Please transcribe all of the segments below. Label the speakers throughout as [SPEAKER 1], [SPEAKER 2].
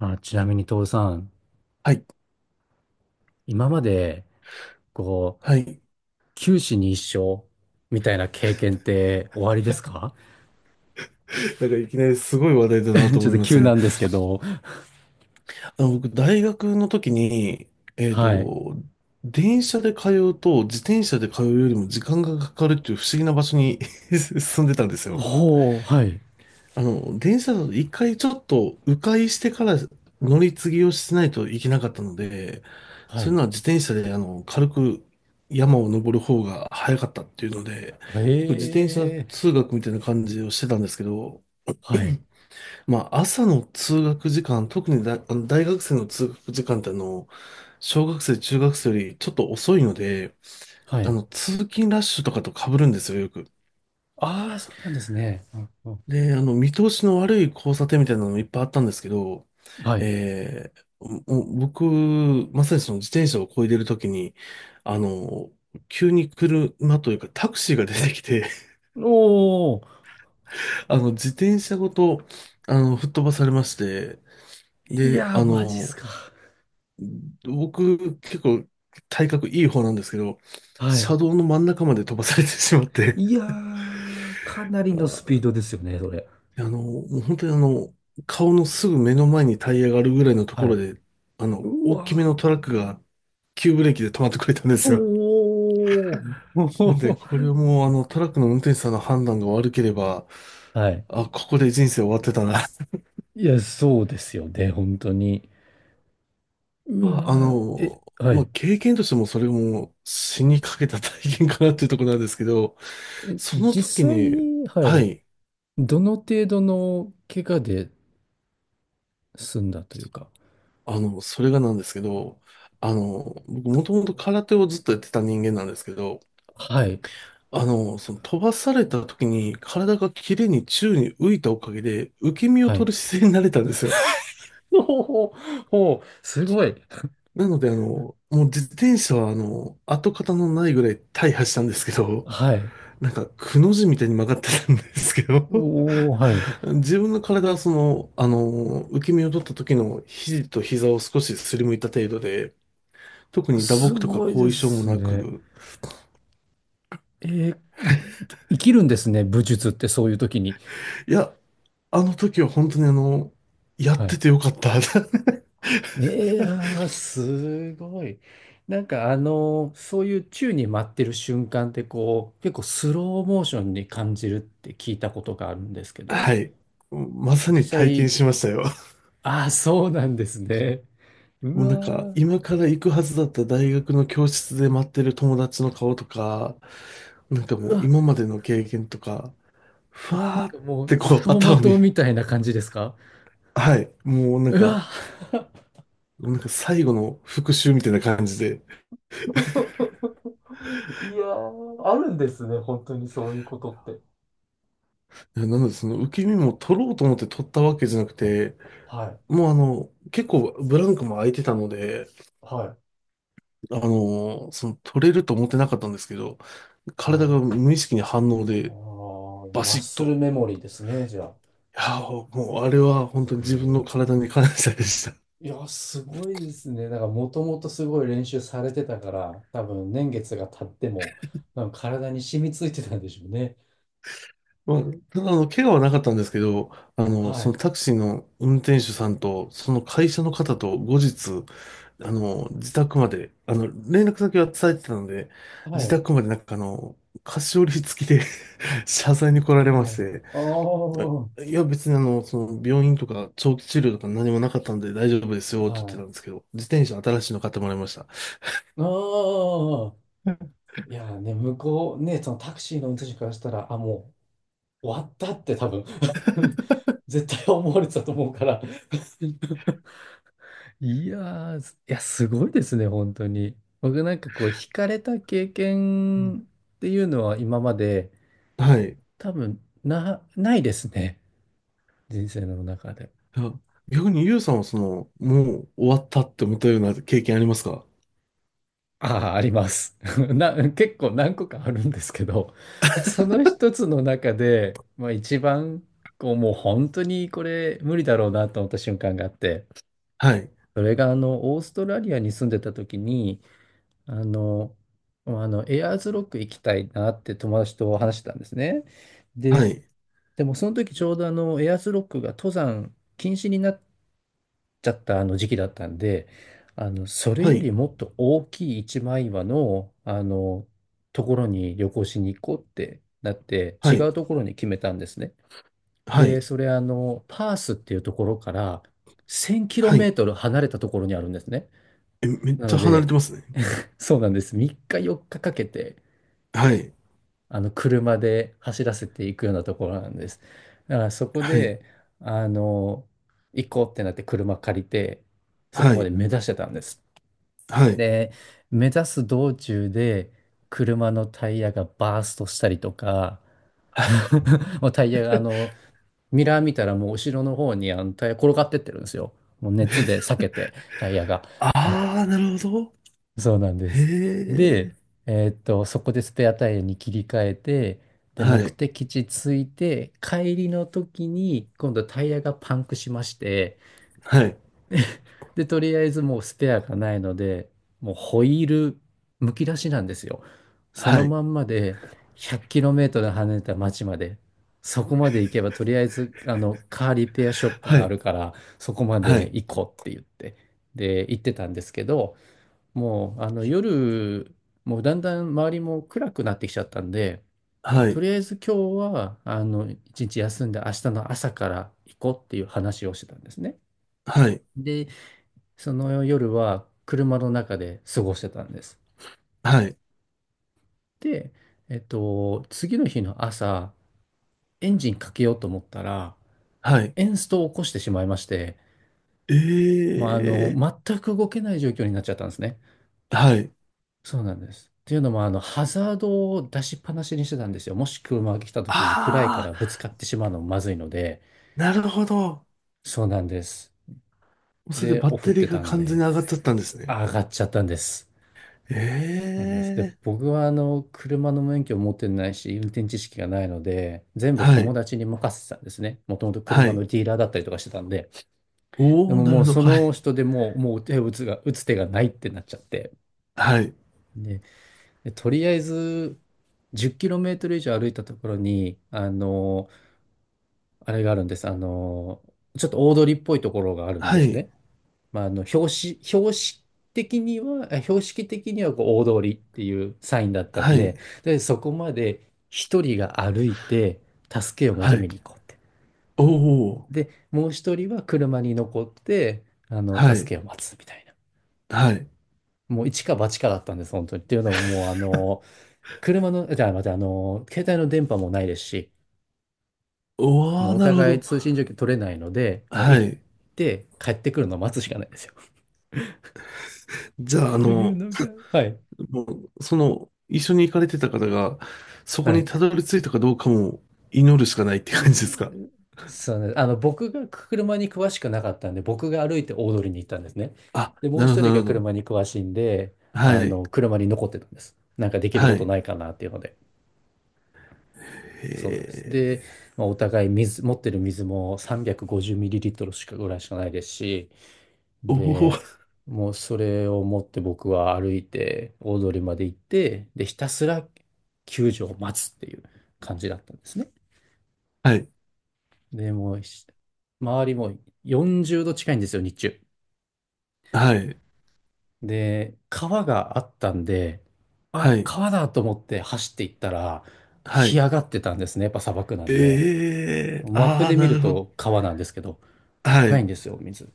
[SPEAKER 1] あ、ちなみに、徹さん、
[SPEAKER 2] はい。
[SPEAKER 1] 今まで、こう、
[SPEAKER 2] はい。
[SPEAKER 1] 九死に一生みたいな経験って終わりですか？
[SPEAKER 2] なんかいきなりすごい話題だな と
[SPEAKER 1] ちょ
[SPEAKER 2] 思
[SPEAKER 1] っ
[SPEAKER 2] い
[SPEAKER 1] と
[SPEAKER 2] ま
[SPEAKER 1] 急
[SPEAKER 2] すが、
[SPEAKER 1] なんですけど、
[SPEAKER 2] 僕、大学の時に、えっ
[SPEAKER 1] はい。
[SPEAKER 2] と、電車で通うと自転車で通うよりも時間がかかるっていう不思議な場所に 住んでたんですよ。
[SPEAKER 1] ほう、はい、
[SPEAKER 2] 電車だと一回ちょっと迂回してから乗り継ぎをしないといけなかったので、
[SPEAKER 1] は
[SPEAKER 2] それ
[SPEAKER 1] い。
[SPEAKER 2] なら自転車で軽く山を登る方が早かったっていうので、
[SPEAKER 1] え
[SPEAKER 2] よく自転車
[SPEAKER 1] え、
[SPEAKER 2] 通学みたいな感じをしてたんですけど、
[SPEAKER 1] はい、
[SPEAKER 2] まあ朝の通学時間、特にだ、大学生の通学時間って小学生、中学生よりちょっと遅いので、
[SPEAKER 1] はい。
[SPEAKER 2] 通勤ラッシュとかと被るんですよ、よく。
[SPEAKER 1] ああ、そうなんですね。うんうん、
[SPEAKER 2] で、見通しの悪い交差点みたいなのもいっぱいあったんですけど、
[SPEAKER 1] はい。
[SPEAKER 2] もう僕、まさにその自転車を漕いでるときに、あの、急に車というかタクシーが出てきて、
[SPEAKER 1] おー、
[SPEAKER 2] 自転車ごと、吹っ飛ばされまして、
[SPEAKER 1] い
[SPEAKER 2] で、
[SPEAKER 1] やー、マジっすか。
[SPEAKER 2] 僕、結構体格いい方なんですけど、
[SPEAKER 1] はい。
[SPEAKER 2] 車道の真ん中まで飛ばされてしまって、
[SPEAKER 1] いやー、かなりのスピードですよね、それ。
[SPEAKER 2] もう本当に顔のすぐ目の前にタイヤがあるぐらいのと
[SPEAKER 1] は
[SPEAKER 2] ころ
[SPEAKER 1] い。
[SPEAKER 2] で、
[SPEAKER 1] う
[SPEAKER 2] 大きめ
[SPEAKER 1] わ
[SPEAKER 2] のトラックが急ブレーキで止まってくれたんで
[SPEAKER 1] ー、
[SPEAKER 2] すよ。
[SPEAKER 1] おー、
[SPEAKER 2] なんで、これは もうトラックの運転手さんの判断が悪ければ、
[SPEAKER 1] はい。
[SPEAKER 2] あ、ここで人生終わってたな。
[SPEAKER 1] いや、そうですよね、本当に。う
[SPEAKER 2] まあ、
[SPEAKER 1] わー、え、はい。
[SPEAKER 2] 経験としてもそれも死にかけた体験かなっていうところなんですけど、
[SPEAKER 1] え、
[SPEAKER 2] その時
[SPEAKER 1] 実際
[SPEAKER 2] に、
[SPEAKER 1] に、は
[SPEAKER 2] は
[SPEAKER 1] い。
[SPEAKER 2] い、
[SPEAKER 1] どの程度の怪我で済んだというか。
[SPEAKER 2] それがなんですけど、僕もともと空手をずっとやってた人間なんですけど、
[SPEAKER 1] はい。
[SPEAKER 2] その飛ばされた時に体が綺麗に宙に浮いたおかげで受け身を
[SPEAKER 1] は
[SPEAKER 2] 取
[SPEAKER 1] い。
[SPEAKER 2] る姿勢になれたんですよ。
[SPEAKER 1] ほうほう、ほう、すごい。
[SPEAKER 2] なので、もう自転車は跡形のないぐらい大破したんですけど、
[SPEAKER 1] はい。
[SPEAKER 2] なんかくの字みたいに曲がってたんですけど、
[SPEAKER 1] おー、はい。
[SPEAKER 2] 自分の体はその、受け身を取った時の肘と膝を少しすりむいた程度で、特に打
[SPEAKER 1] す
[SPEAKER 2] 撲とか
[SPEAKER 1] ごいで
[SPEAKER 2] 後遺症も
[SPEAKER 1] す
[SPEAKER 2] なく、
[SPEAKER 1] ね。えー生きるんですね、武術ってそういう時に。
[SPEAKER 2] いや、あの時は本当にやっ
[SPEAKER 1] は
[SPEAKER 2] て
[SPEAKER 1] い。
[SPEAKER 2] てよかった。
[SPEAKER 1] いやー、すごい。なんかあの、そういう宙に舞ってる瞬間ってこう、結構スローモーションに感じるって聞いたことがあるんですけど、
[SPEAKER 2] はい。まさ
[SPEAKER 1] 実
[SPEAKER 2] に体験
[SPEAKER 1] 際、
[SPEAKER 2] しましたよ。
[SPEAKER 1] ああ、そうなんですね。う
[SPEAKER 2] もう
[SPEAKER 1] わ
[SPEAKER 2] なんか、
[SPEAKER 1] ー、
[SPEAKER 2] 今から行くはずだった大学の教室で待ってる友達の顔とか、なんかも
[SPEAKER 1] う
[SPEAKER 2] う
[SPEAKER 1] わ、
[SPEAKER 2] 今までの経験とか、ふ
[SPEAKER 1] なん
[SPEAKER 2] わーっ
[SPEAKER 1] かもう、
[SPEAKER 2] てこう
[SPEAKER 1] 走馬
[SPEAKER 2] 頭に、
[SPEAKER 1] 灯みたいな感じですか？
[SPEAKER 2] はい、もうなん
[SPEAKER 1] う
[SPEAKER 2] か、
[SPEAKER 1] わ、
[SPEAKER 2] なんか最後の復習みたいな感じで、
[SPEAKER 1] いやー、あるんですね、本当にそういうことって。
[SPEAKER 2] なのでその受け身も取ろうと思って取ったわけじゃなくて、
[SPEAKER 1] はい、
[SPEAKER 2] もう結構ブランクも空いてたので、
[SPEAKER 1] はい、
[SPEAKER 2] その取れると思ってなかったんですけど、
[SPEAKER 1] は
[SPEAKER 2] 体が
[SPEAKER 1] い。
[SPEAKER 2] 無意識に反応
[SPEAKER 1] ああ、
[SPEAKER 2] でバ
[SPEAKER 1] マッ
[SPEAKER 2] シッ
[SPEAKER 1] スル
[SPEAKER 2] と、
[SPEAKER 1] メモリーですね、じゃあ、
[SPEAKER 2] や、もうあれは本当に
[SPEAKER 1] 俗
[SPEAKER 2] 自
[SPEAKER 1] に言
[SPEAKER 2] 分
[SPEAKER 1] う。
[SPEAKER 2] の体に感謝でした。
[SPEAKER 1] いや、すごいですね。なんか、もともとすごい練習されてたから、多分年月が経っても、なんか体に染みついてたんでしょうね。
[SPEAKER 2] まあ、ただ怪我はなかったんですけど、
[SPEAKER 1] は
[SPEAKER 2] その
[SPEAKER 1] い。
[SPEAKER 2] タクシーの運転手さんと、その会社の方と後日、自宅まで、連絡先は伝えてたので、
[SPEAKER 1] は
[SPEAKER 2] 自
[SPEAKER 1] い。
[SPEAKER 2] 宅までなんか菓子折り付きで 謝罪に来られま
[SPEAKER 1] は
[SPEAKER 2] し
[SPEAKER 1] い。
[SPEAKER 2] て、
[SPEAKER 1] ああ、
[SPEAKER 2] あ
[SPEAKER 1] は
[SPEAKER 2] いや、別にその、病院とか長期治療とか何もなかったんで大丈夫ですよって言ってた
[SPEAKER 1] い。
[SPEAKER 2] んですけど、自転車新しいの買ってもらいました。
[SPEAKER 1] ああ。いや、ね、向こう、ね、そのタクシーの運転手からしたら、あ、もう終わったって多分 絶対思われてたと思うから。いやー、すごいですね、本当に。僕なんかこう、惹かれた経
[SPEAKER 2] うん。
[SPEAKER 1] 験っていうのは今まで、
[SPEAKER 2] はい。
[SPEAKER 1] 多分、ないですね。人生の中で。
[SPEAKER 2] いや、逆にゆうさんはその、もう終わったって思ったような経験ありますか？
[SPEAKER 1] ああ、あります。結構何個かあるんですけど、その一つの中で、まあ一番、こう、もう本当にこれ無理だろうなと思った瞬間があって、
[SPEAKER 2] はい。
[SPEAKER 1] それがオーストラリアに住んでた時に、あの、まあの、エアーズロック行きたいなって友達と話してたんですね。
[SPEAKER 2] は
[SPEAKER 1] で、
[SPEAKER 2] い。
[SPEAKER 1] でもその時ちょうどエアーズロックが登山禁止になっちゃったあの時期だったんで、それ
[SPEAKER 2] は
[SPEAKER 1] より
[SPEAKER 2] い。
[SPEAKER 1] もっと大きい一枚岩の、ところに旅行しに行こうってなって、
[SPEAKER 2] は
[SPEAKER 1] 違
[SPEAKER 2] い。
[SPEAKER 1] うところに決めたんですね。
[SPEAKER 2] は
[SPEAKER 1] で、
[SPEAKER 2] い。
[SPEAKER 1] それパースっていうところから1000キロ
[SPEAKER 2] は
[SPEAKER 1] メ
[SPEAKER 2] い。
[SPEAKER 1] ートル離れたところにあるんですね。
[SPEAKER 2] え、めっ
[SPEAKER 1] な
[SPEAKER 2] ち
[SPEAKER 1] の
[SPEAKER 2] ゃ離れ
[SPEAKER 1] で、
[SPEAKER 2] てますね。
[SPEAKER 1] そうなんです。3日4日かかけて、
[SPEAKER 2] はい。
[SPEAKER 1] 車で走らせていくようなところなんです。だからそこ
[SPEAKER 2] はい。
[SPEAKER 1] で、あの、行こうってなって車借りて、そこ
[SPEAKER 2] は
[SPEAKER 1] まで
[SPEAKER 2] い。
[SPEAKER 1] 目指してたんです。
[SPEAKER 2] はい。
[SPEAKER 1] で、目指す道中で車のタイヤがバーストしたりとか、もうタイヤが、ミラー見たらもう後ろの方にあのタイヤ転がってってるんですよ。もう熱で裂けて、タイヤが。
[SPEAKER 2] あー、なるほど。
[SPEAKER 1] そうなんで
[SPEAKER 2] へ
[SPEAKER 1] す。
[SPEAKER 2] え。
[SPEAKER 1] で、そこでスペアタイヤに切り替えて、で、
[SPEAKER 2] は
[SPEAKER 1] 目
[SPEAKER 2] い。
[SPEAKER 1] 的地着いて、帰りの時に今度タイヤがパンクしまして、
[SPEAKER 2] はい。
[SPEAKER 1] で、とりあえずもうスペアがないので、もうホイールむき出しなんですよ。その
[SPEAKER 2] はい。
[SPEAKER 1] まんまで 100km 離れた町まで、そこまで行けばとりあえずあのカーリペアショップ
[SPEAKER 2] は
[SPEAKER 1] があ
[SPEAKER 2] い。
[SPEAKER 1] るから、そこま
[SPEAKER 2] は
[SPEAKER 1] で
[SPEAKER 2] い。
[SPEAKER 1] 行こうって言って、で、行ってたんですけど、もうあの夜、もうだんだん周りも暗くなってきちゃったんで、もう
[SPEAKER 2] は
[SPEAKER 1] と
[SPEAKER 2] い。
[SPEAKER 1] りあえず今日はあの一日休んで明日の朝から行こうっていう話をしてたんですね。
[SPEAKER 2] はい。
[SPEAKER 1] で、その夜は車の中で過ごしてたんです。
[SPEAKER 2] はい。
[SPEAKER 1] で、次の日の朝、エンジンかけようと思ったら、
[SPEAKER 2] はい。
[SPEAKER 1] エンストを起こしてしまいまして、
[SPEAKER 2] え
[SPEAKER 1] まあ、
[SPEAKER 2] え。
[SPEAKER 1] 全く動けない状況になっちゃったんですね。
[SPEAKER 2] はい。
[SPEAKER 1] そうなんです。っていうのも、ハザードを出しっぱなしにしてたんですよ。もし車が来た時に暗いか
[SPEAKER 2] あ
[SPEAKER 1] らぶつかってしまうのもまずいので、
[SPEAKER 2] ー、なるほど。
[SPEAKER 1] そうなんです。
[SPEAKER 2] それで
[SPEAKER 1] で、
[SPEAKER 2] バッ
[SPEAKER 1] オフっ
[SPEAKER 2] テ
[SPEAKER 1] て
[SPEAKER 2] リーが
[SPEAKER 1] たん
[SPEAKER 2] 完全に
[SPEAKER 1] で、
[SPEAKER 2] 上がっちゃったんですね。
[SPEAKER 1] 上がっちゃったんです。なんです。で、
[SPEAKER 2] ええ。
[SPEAKER 1] 僕は車の免許を持ってないし、運転知識がないので、全部
[SPEAKER 2] は
[SPEAKER 1] 友
[SPEAKER 2] い、
[SPEAKER 1] 達に任せてたんですね。もともと
[SPEAKER 2] は
[SPEAKER 1] 車の
[SPEAKER 2] い。
[SPEAKER 1] ディーラーだったりとかしてたんで。で
[SPEAKER 2] おお、
[SPEAKER 1] も
[SPEAKER 2] なる
[SPEAKER 1] も
[SPEAKER 2] ほ
[SPEAKER 1] う
[SPEAKER 2] ど。
[SPEAKER 1] そ
[SPEAKER 2] はい、
[SPEAKER 1] の人でもう手を打つが、打つ手がないってなっちゃって。
[SPEAKER 2] はい、
[SPEAKER 1] で、とりあえず、10キロメートル以上歩いたところに、あれがあるんです。ちょっと大通りっぽいところがあるん
[SPEAKER 2] は
[SPEAKER 1] です
[SPEAKER 2] い、
[SPEAKER 1] ね。まあ、標識的にはこう大通りっていうサインだったん
[SPEAKER 2] はい、
[SPEAKER 1] で、で、そこまで一人が歩いて助けを
[SPEAKER 2] は
[SPEAKER 1] 求め
[SPEAKER 2] い。
[SPEAKER 1] に行こうって。
[SPEAKER 2] おお、
[SPEAKER 1] で、もう一人は車に残って、
[SPEAKER 2] はい、
[SPEAKER 1] 助けを待つみたいな。
[SPEAKER 2] はい。
[SPEAKER 1] もう一か八かだったんです、本当に。っていうのももう、あの、車の、じゃあ、また、あの、携帯の電波もないですし、
[SPEAKER 2] お
[SPEAKER 1] もう
[SPEAKER 2] お、
[SPEAKER 1] お
[SPEAKER 2] なるほ
[SPEAKER 1] 互い
[SPEAKER 2] ど。
[SPEAKER 1] 通信状況取れないので、もう
[SPEAKER 2] は
[SPEAKER 1] 行っ
[SPEAKER 2] い。
[SPEAKER 1] て帰ってくるのを待つしかないですよ。っ
[SPEAKER 2] じゃあ、
[SPEAKER 1] ていうのが、はい。
[SPEAKER 2] もう、その、一緒に行かれてた方が、そ
[SPEAKER 1] は
[SPEAKER 2] こに
[SPEAKER 1] い、
[SPEAKER 2] たどり着いたかどうかも祈るしかないって
[SPEAKER 1] で
[SPEAKER 2] 感じ
[SPEAKER 1] す。
[SPEAKER 2] ですか。
[SPEAKER 1] そうね、僕が車に詳しくなかったんで、僕が歩いて大通りに行ったんですね。
[SPEAKER 2] あ、
[SPEAKER 1] で、もう
[SPEAKER 2] なるほ
[SPEAKER 1] 一
[SPEAKER 2] ど、
[SPEAKER 1] 人
[SPEAKER 2] な
[SPEAKER 1] が
[SPEAKER 2] るほど。
[SPEAKER 1] 車に詳しいんで、
[SPEAKER 2] はい、
[SPEAKER 1] 車に残ってたんです。なんかできる
[SPEAKER 2] は
[SPEAKER 1] こ
[SPEAKER 2] い。
[SPEAKER 1] とない
[SPEAKER 2] へ
[SPEAKER 1] かなっていうので。そうなんです。
[SPEAKER 2] え、
[SPEAKER 1] で、まあ、お互い水、持ってる水も 350ml しかぐらいしかないですし、
[SPEAKER 2] おお、
[SPEAKER 1] で、もうそれを持って僕は歩いて大通りまで行って、で、ひたすら救助を待つっていう感じだったんですね。
[SPEAKER 2] はい、
[SPEAKER 1] で、もう周りも40度近いんですよ、日中。
[SPEAKER 2] はい、
[SPEAKER 1] で、川があったんで、
[SPEAKER 2] は
[SPEAKER 1] あ、
[SPEAKER 2] い、
[SPEAKER 1] 川だと思って走っていったら、
[SPEAKER 2] は
[SPEAKER 1] 干
[SPEAKER 2] い。
[SPEAKER 1] 上がってたんですね。やっぱ砂漠なんで。
[SPEAKER 2] ええ。
[SPEAKER 1] マップ
[SPEAKER 2] ああ、
[SPEAKER 1] で見
[SPEAKER 2] な
[SPEAKER 1] る
[SPEAKER 2] るほど。
[SPEAKER 1] と川なんですけど、
[SPEAKER 2] は
[SPEAKER 1] ないん
[SPEAKER 2] い。
[SPEAKER 1] ですよ、水。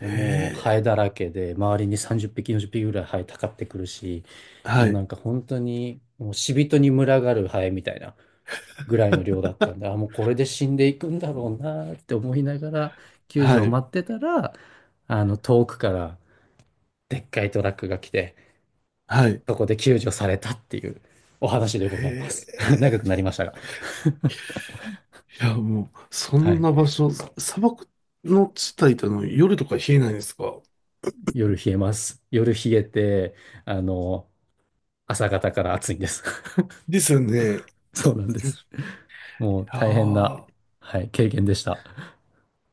[SPEAKER 1] で、もうハ
[SPEAKER 2] へえ。
[SPEAKER 1] エだらけで、周りに30匹、40匹ぐらいハエたかってくるし、
[SPEAKER 2] は
[SPEAKER 1] もうな
[SPEAKER 2] い。
[SPEAKER 1] んか本当に、もう死人に群がるハエみたいなぐらいの量だったんで、あ、もうこれで死んでいくんだろうなって思いながら、救助
[SPEAKER 2] は
[SPEAKER 1] を
[SPEAKER 2] い。
[SPEAKER 1] 待ってたら、遠くからでっかいトラックが来て、
[SPEAKER 2] はい。
[SPEAKER 1] そこで救助されたっていうお話でご
[SPEAKER 2] へ
[SPEAKER 1] ざいます。長く
[SPEAKER 2] え。
[SPEAKER 1] なりましたが。
[SPEAKER 2] いや、もう、そ
[SPEAKER 1] は
[SPEAKER 2] ん
[SPEAKER 1] い。
[SPEAKER 2] な場所、砂漠の地帯って夜とか冷えないんですか？
[SPEAKER 1] 夜冷えます。夜冷えて、あの、朝方から暑いんです。
[SPEAKER 2] ですよね。
[SPEAKER 1] そうなんで
[SPEAKER 2] い
[SPEAKER 1] す。もう
[SPEAKER 2] や
[SPEAKER 1] 大変な、
[SPEAKER 2] ー、
[SPEAKER 1] はい、経験でした。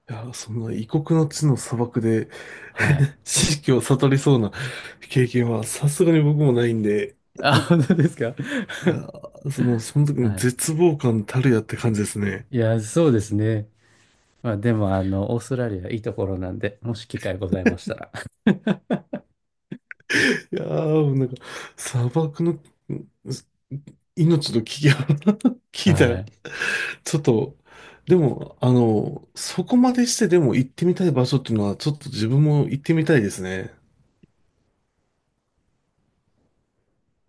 [SPEAKER 2] いやー、そんな異国の地の砂漠で
[SPEAKER 1] はい。
[SPEAKER 2] 知識を悟りそうな 経験はさすがに僕もないんで、
[SPEAKER 1] あ、本当ですか？
[SPEAKER 2] いやー、その、その 時の
[SPEAKER 1] はい。
[SPEAKER 2] 絶望感たるやって感じですね。
[SPEAKER 1] いや、そうですね。まあ、でも、オーストラリアいいところなんで、もし機会ございましたら。
[SPEAKER 2] いやー、もうなんか、砂漠のうん命の危機を 聞いた
[SPEAKER 1] は
[SPEAKER 2] ら、
[SPEAKER 1] い。
[SPEAKER 2] ちょっと、でも、そこまでしてでも行ってみたい場所っていうのは、ちょっと自分も行ってみたいですね。